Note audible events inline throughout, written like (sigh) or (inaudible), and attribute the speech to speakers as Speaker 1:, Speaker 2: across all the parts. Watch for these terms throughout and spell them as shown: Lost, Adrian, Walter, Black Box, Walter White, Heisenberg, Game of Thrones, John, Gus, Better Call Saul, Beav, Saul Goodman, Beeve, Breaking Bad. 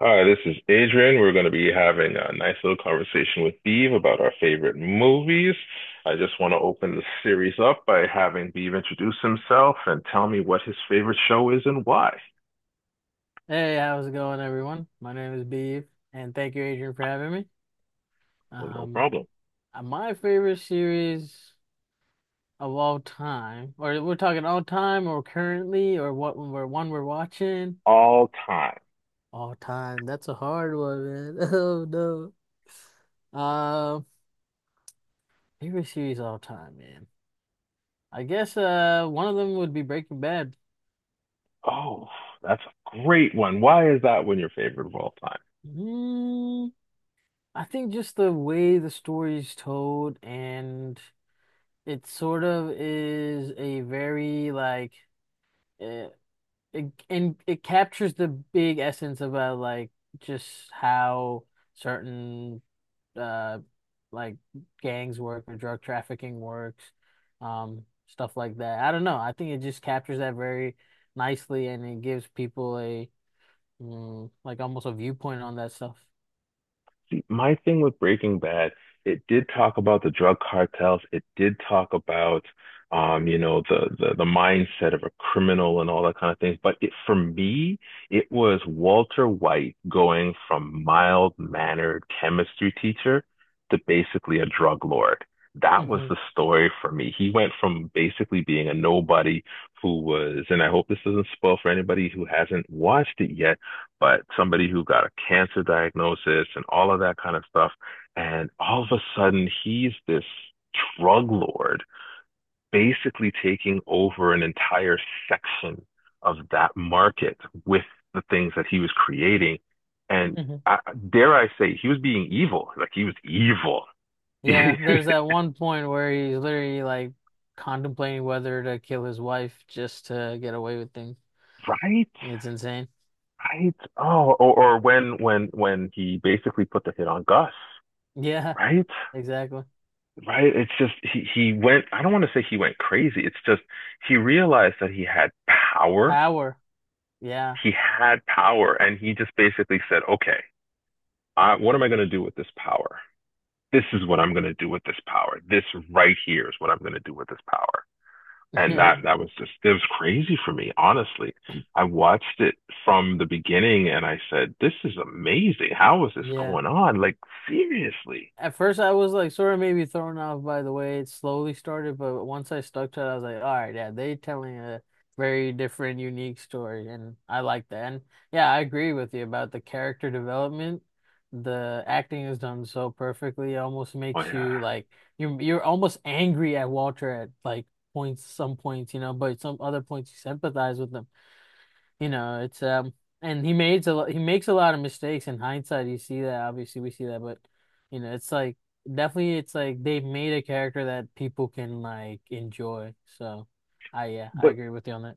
Speaker 1: Hi, this is Adrian. We're going to be having a nice little conversation with Beav about our favorite movies. I just want to open the series up by having Beav introduce himself and tell me what his favorite show is and why.
Speaker 2: Hey, how's it going, everyone? My name is Beeve, and thank you, Adrian, for having me.
Speaker 1: Hey, no
Speaker 2: Um,
Speaker 1: problem.
Speaker 2: my favorite series of all time, or we're talking all time, or currently, or what we're watching.
Speaker 1: All time.
Speaker 2: All time. That's a hard one, man. (laughs) Oh no. Favorite series all time, man. I guess one of them would be Breaking Bad.
Speaker 1: Oh, that's a great one. Why is that one your favorite of all time?
Speaker 2: Mm, I think just the way the story is told and it sort of is a very like uh, it and it captures the big essence about like just how certain uh like gangs work or drug trafficking works, stuff like that. I don't know. I think it just captures that very nicely, and it gives people a like almost a viewpoint on that stuff.
Speaker 1: See, my thing with Breaking Bad, it did talk about the drug cartels. It did talk about, the, the mindset of a criminal and all that kind of thing. But it, for me, it was Walter White going from mild-mannered chemistry teacher to basically a drug lord. That was
Speaker 2: hmm
Speaker 1: the story for me. He went from basically being a nobody who was, and I hope this doesn't spoil for anybody who hasn't watched it yet, but somebody who got a cancer diagnosis and all of that kind of stuff. And all of a sudden, he's this drug lord basically taking over an entire section of that market with the things that he was creating. And
Speaker 2: hmm
Speaker 1: I, dare I say, he was being evil. Like he was evil,
Speaker 2: Yeah, there's that one point where he's literally like contemplating whether to kill his wife just to get away with things.
Speaker 1: (laughs) right?
Speaker 2: It's insane. (laughs)
Speaker 1: Right. Oh, or when when he basically put the hit on Gus,
Speaker 2: Yeah,
Speaker 1: right?
Speaker 2: exactly.
Speaker 1: Right? It's just he went, I don't want to say he went crazy. It's just he realized that he had power.
Speaker 2: Power. Yeah.
Speaker 1: He had power and he just basically said, "Okay, I, what am I going to do with this power? This is what I'm going to do with this power. This right here is what I'm going to do with this power." And that
Speaker 2: (laughs)
Speaker 1: was just it was crazy for me, honestly. I watched it from the beginning and I said, "This is amazing. How is this
Speaker 2: Yeah.
Speaker 1: going on? Like seriously?"
Speaker 2: At first, I was like sort of maybe thrown off by the way it slowly started, but once I stuck to it, I was like, all right, yeah, they telling a very different, unique story, and I like that. And yeah, I agree with you about the character development. The acting is done so perfectly, it almost
Speaker 1: Oh
Speaker 2: makes
Speaker 1: yeah.
Speaker 2: you like you're almost angry at Walter at like points, some points, you know, but some other points you sympathize with him. You know, it's And he made a he makes a lot of mistakes. In hindsight, you see that. Obviously, we see that, but you know, it's like definitely, it's like they've made a character that people can like enjoy. So, I yeah, I
Speaker 1: But
Speaker 2: agree with you on that.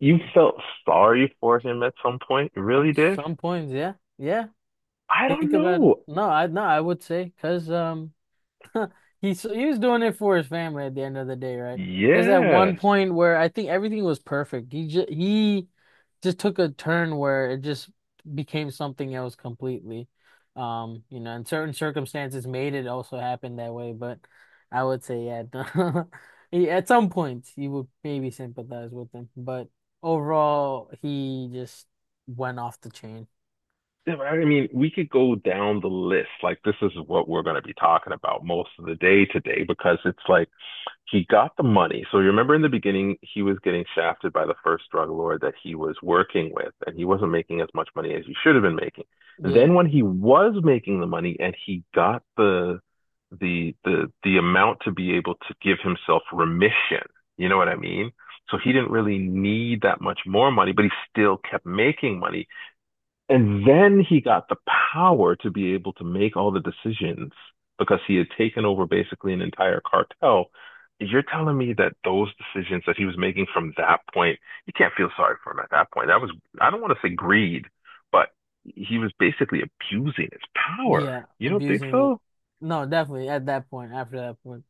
Speaker 1: you felt sorry for him at some point? You really did?
Speaker 2: Some points, yeah, yeah.
Speaker 1: I don't
Speaker 2: Think about it.
Speaker 1: know.
Speaker 2: No, I would say because. (laughs) He was doing it for his family at the end of the day, right? There's that
Speaker 1: Yeah.
Speaker 2: one point where I think everything was perfect. He just took a turn where it just became something else completely. You know, and certain circumstances made it also happen that way, but I would say yeah, (laughs) at some point you would maybe sympathize with him, but overall he just went off the chain.
Speaker 1: I mean, we could go down the list. Like, this is what we're going to be talking about most of the day today because it's like he got the money. So you remember in the beginning, he was getting shafted by the first drug lord that he was working with, and he wasn't making as much money as he should have been making.
Speaker 2: Yeah.
Speaker 1: Then when he was making the money and he got the amount to be able to give himself remission, you know what I mean? So he didn't really need that much more money, but he still kept making money and then he got the power to be able to make all the decisions because he had taken over basically an entire cartel. You're telling me that those decisions that he was making from that point, you can't feel sorry for him at that point. That was, I don't want to say greed, but he was basically abusing his power.
Speaker 2: Yeah,
Speaker 1: You don't think
Speaker 2: abusing it.
Speaker 1: so?
Speaker 2: No, definitely at that point, after that point.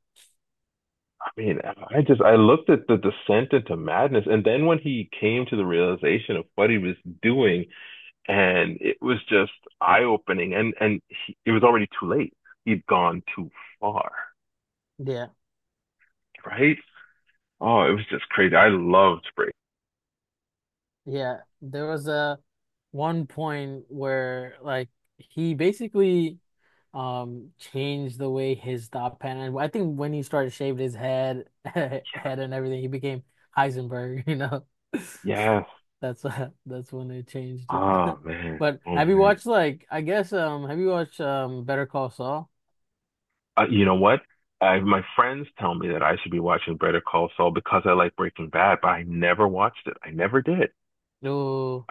Speaker 1: I mean, I just, I looked at the descent into madness. And then when he came to the realization of what he was doing, and it was just eye opening. And he, it was already too late. He'd gone too far,
Speaker 2: Yeah.
Speaker 1: right? Oh, it was just crazy. I loved Breaking.
Speaker 2: Yeah, there was a one point where like he basically changed the way his thought pattern. I think when he started shaving his head, (laughs) head and everything, he became Heisenberg. You know, (laughs)
Speaker 1: Yes.
Speaker 2: that's (laughs) that's when they changed it.
Speaker 1: Oh
Speaker 2: (laughs)
Speaker 1: man.
Speaker 2: But
Speaker 1: Oh
Speaker 2: have you
Speaker 1: man.
Speaker 2: watched like I guess have you watched Better Call Saul?
Speaker 1: You know what? I, my friends tell me that I should be watching Better Call Saul because I like Breaking Bad, but I never watched it. I never did.
Speaker 2: No.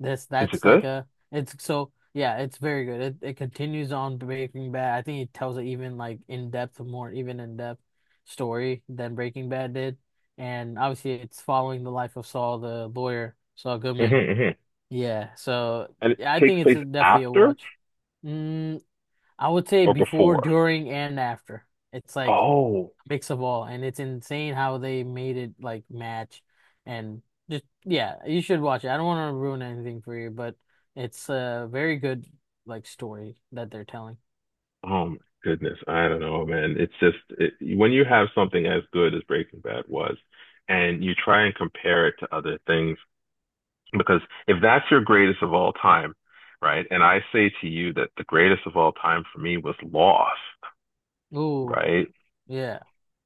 Speaker 2: This
Speaker 1: Is it
Speaker 2: That's like
Speaker 1: good? (laughs)
Speaker 2: a it's so yeah, it's very good. It continues on Breaking Bad. I think it tells an even like in depth, more even in depth story than Breaking Bad did. And obviously it's following the life of Saul, the lawyer, Saul
Speaker 1: Mm-hmm,
Speaker 2: Goodman.
Speaker 1: mm-hmm.
Speaker 2: Yeah, so
Speaker 1: And it
Speaker 2: yeah, I
Speaker 1: takes
Speaker 2: think it's
Speaker 1: place
Speaker 2: a, definitely a
Speaker 1: after
Speaker 2: watch. Mm, I would say
Speaker 1: or
Speaker 2: before,
Speaker 1: before?
Speaker 2: during, and after. It's like
Speaker 1: Oh,
Speaker 2: mix of all, and it's insane how they made it like match and just yeah, you should watch it. I don't want to ruin anything for you, but it's a very good like story that they're telling.
Speaker 1: oh my goodness, I don't know, man. It's just it, when you have something as good as Breaking Bad was, and you try and compare it to other things, because if that's your greatest of all time, right? And I say to you that the greatest of all time for me was Lost,
Speaker 2: Ooh,
Speaker 1: right?
Speaker 2: yeah,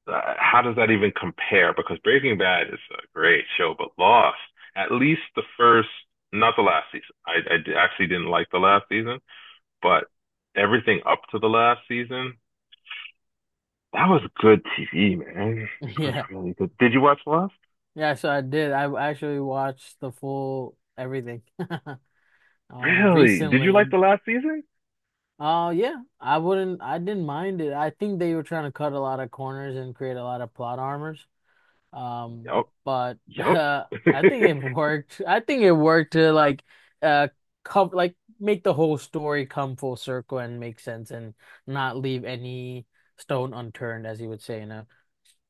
Speaker 1: How does that even compare? Because Breaking Bad is a great show, but Lost, at least the first, not the last season. Actually didn't like the last season, but everything up to the last season, that was good TV, man. It
Speaker 2: (laughs)
Speaker 1: was
Speaker 2: yeah,
Speaker 1: really good. Did you watch Lost?
Speaker 2: yeah. So I did. I actually watched the full everything (laughs)
Speaker 1: Really? Did you
Speaker 2: recently.
Speaker 1: like the last season?
Speaker 2: Yeah, I wouldn't. I didn't mind it. I think they were trying to cut a lot of corners and create a lot of plot armors.
Speaker 1: Yup.
Speaker 2: But (laughs)
Speaker 1: Yup. (laughs)
Speaker 2: I think it worked. I think it worked to like uh come like make the whole story come full circle and make sense and not leave any stone unturned, as you would say, you know.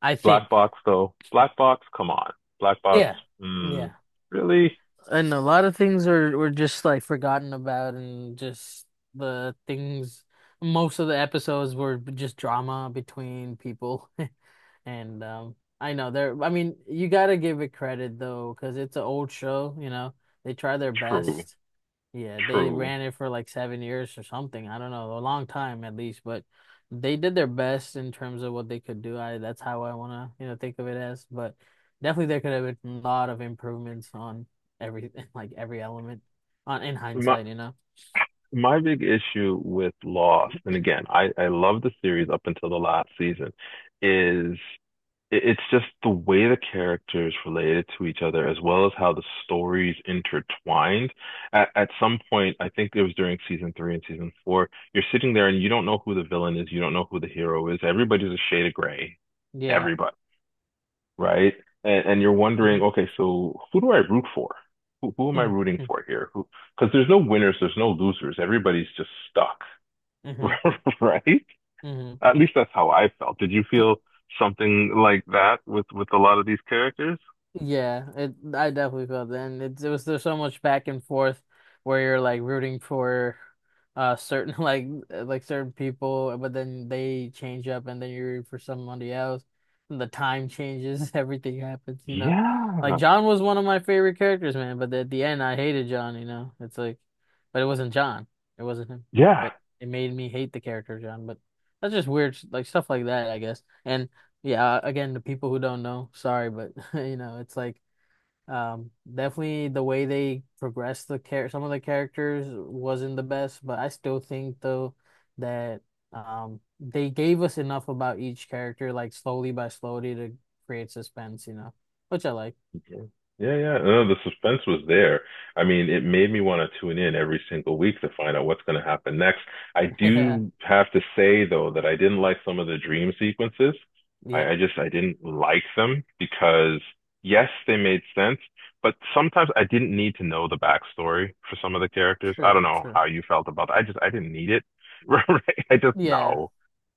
Speaker 2: I
Speaker 1: Black
Speaker 2: think.
Speaker 1: Box, though. Black Box, come on. Black Box,
Speaker 2: Yeah.
Speaker 1: mm,
Speaker 2: Yeah.
Speaker 1: really?
Speaker 2: And a lot of things are were just like forgotten about, and just the things most of the episodes were just drama between people. (laughs) And I know they're, I mean, you gotta give it credit though, because it's an old show, you know. They try their
Speaker 1: True.
Speaker 2: best. Yeah, they
Speaker 1: True.
Speaker 2: ran it for like 7 years or something. I don't know, a long time at least, but they did their best in terms of what they could do. I That's how I wanna, you know, think of it as. But definitely there could have been a lot of improvements on everything, (laughs) like every element on in
Speaker 1: My
Speaker 2: hindsight, you know.
Speaker 1: my big issue with Lost, and again, I love the series up until the last season, is it's just the way the characters related to each other as well as how the stories intertwined. At some point, I think it was during season three and season four, you're sitting there and you don't know who the villain is, you don't know who the hero is. Everybody's a shade of gray.
Speaker 2: Yeah.
Speaker 1: Everybody, right? And you're wondering,
Speaker 2: hmm
Speaker 1: okay, so who do I root for? Who am I
Speaker 2: hmm
Speaker 1: rooting for here? Who, because there's no winners, there's no losers. Everybody's just stuck,
Speaker 2: hmm
Speaker 1: (laughs) right?
Speaker 2: hmm
Speaker 1: At least that's how I felt. Did you feel something like that with a lot of these characters?
Speaker 2: Yeah, it I definitely felt that. And it was there's so much back and forth where you're like rooting for certain (laughs) like certain people, but then they change up and then you root for somebody else. And the time changes, (laughs) everything happens, you know. Like
Speaker 1: Yeah.
Speaker 2: John was one of my favorite characters, man, but at the end I hated John, you know. It's like but it wasn't John. It wasn't him.
Speaker 1: Yeah.
Speaker 2: But it made me hate the character of John, but that's just weird, like stuff like that, I guess. And yeah, again, the people who don't know, sorry, but (laughs) you know, it's like definitely the way they progressed the care some of the characters wasn't the best, but I still think though that they gave us enough about each character like slowly by slowly to create suspense, you know, which I like.
Speaker 1: Okay. Yeah, yeah. No, the suspense was there. I mean, it made me want to tune in every single week to find out what's going to happen next. I
Speaker 2: (laughs) Yeah.
Speaker 1: do have to say, though, that I didn't like some of the dream sequences.
Speaker 2: Yeah.
Speaker 1: I just, I didn't like them because, yes, they made sense, but sometimes I didn't need to know the backstory for some of the characters. I
Speaker 2: True,
Speaker 1: don't know
Speaker 2: true.
Speaker 1: how you felt about that. I just, I didn't need it. (laughs) Right? I just,
Speaker 2: Yeah.
Speaker 1: no.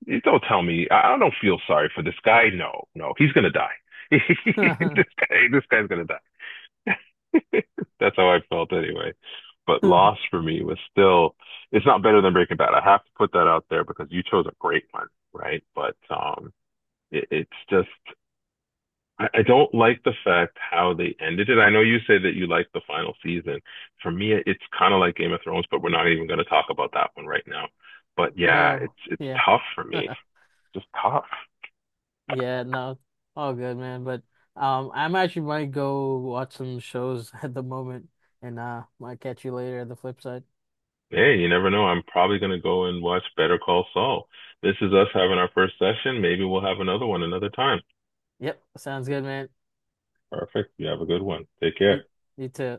Speaker 1: You don't tell me. I don't feel sorry for this guy. No, no, he's going to die. (laughs) This
Speaker 2: (laughs)
Speaker 1: guy, this guy's gonna die. (laughs) That's how I felt anyway. But Lost for me was still, it's not better than Breaking Bad. I have to put that out there because you chose a great one, right? But it, it's just, I don't like the fact how they ended it. I know you say that you like the final season. For me, it's kind of like Game of Thrones, but we're not even going to talk about that one right now. But yeah,
Speaker 2: Oh,
Speaker 1: it's
Speaker 2: yeah.
Speaker 1: tough for me,
Speaker 2: (laughs)
Speaker 1: just tough.
Speaker 2: Yeah, no, all good, man. But I'm actually might go watch some shows (laughs) at the moment, and might catch you later at the flip side.
Speaker 1: Hey, you never know. I'm probably going to go and watch Better Call Saul. This is us having our first session. Maybe we'll have another one another time.
Speaker 2: Yep, sounds good, man.
Speaker 1: Perfect. You have a good one. Take
Speaker 2: You,
Speaker 1: care.
Speaker 2: you too.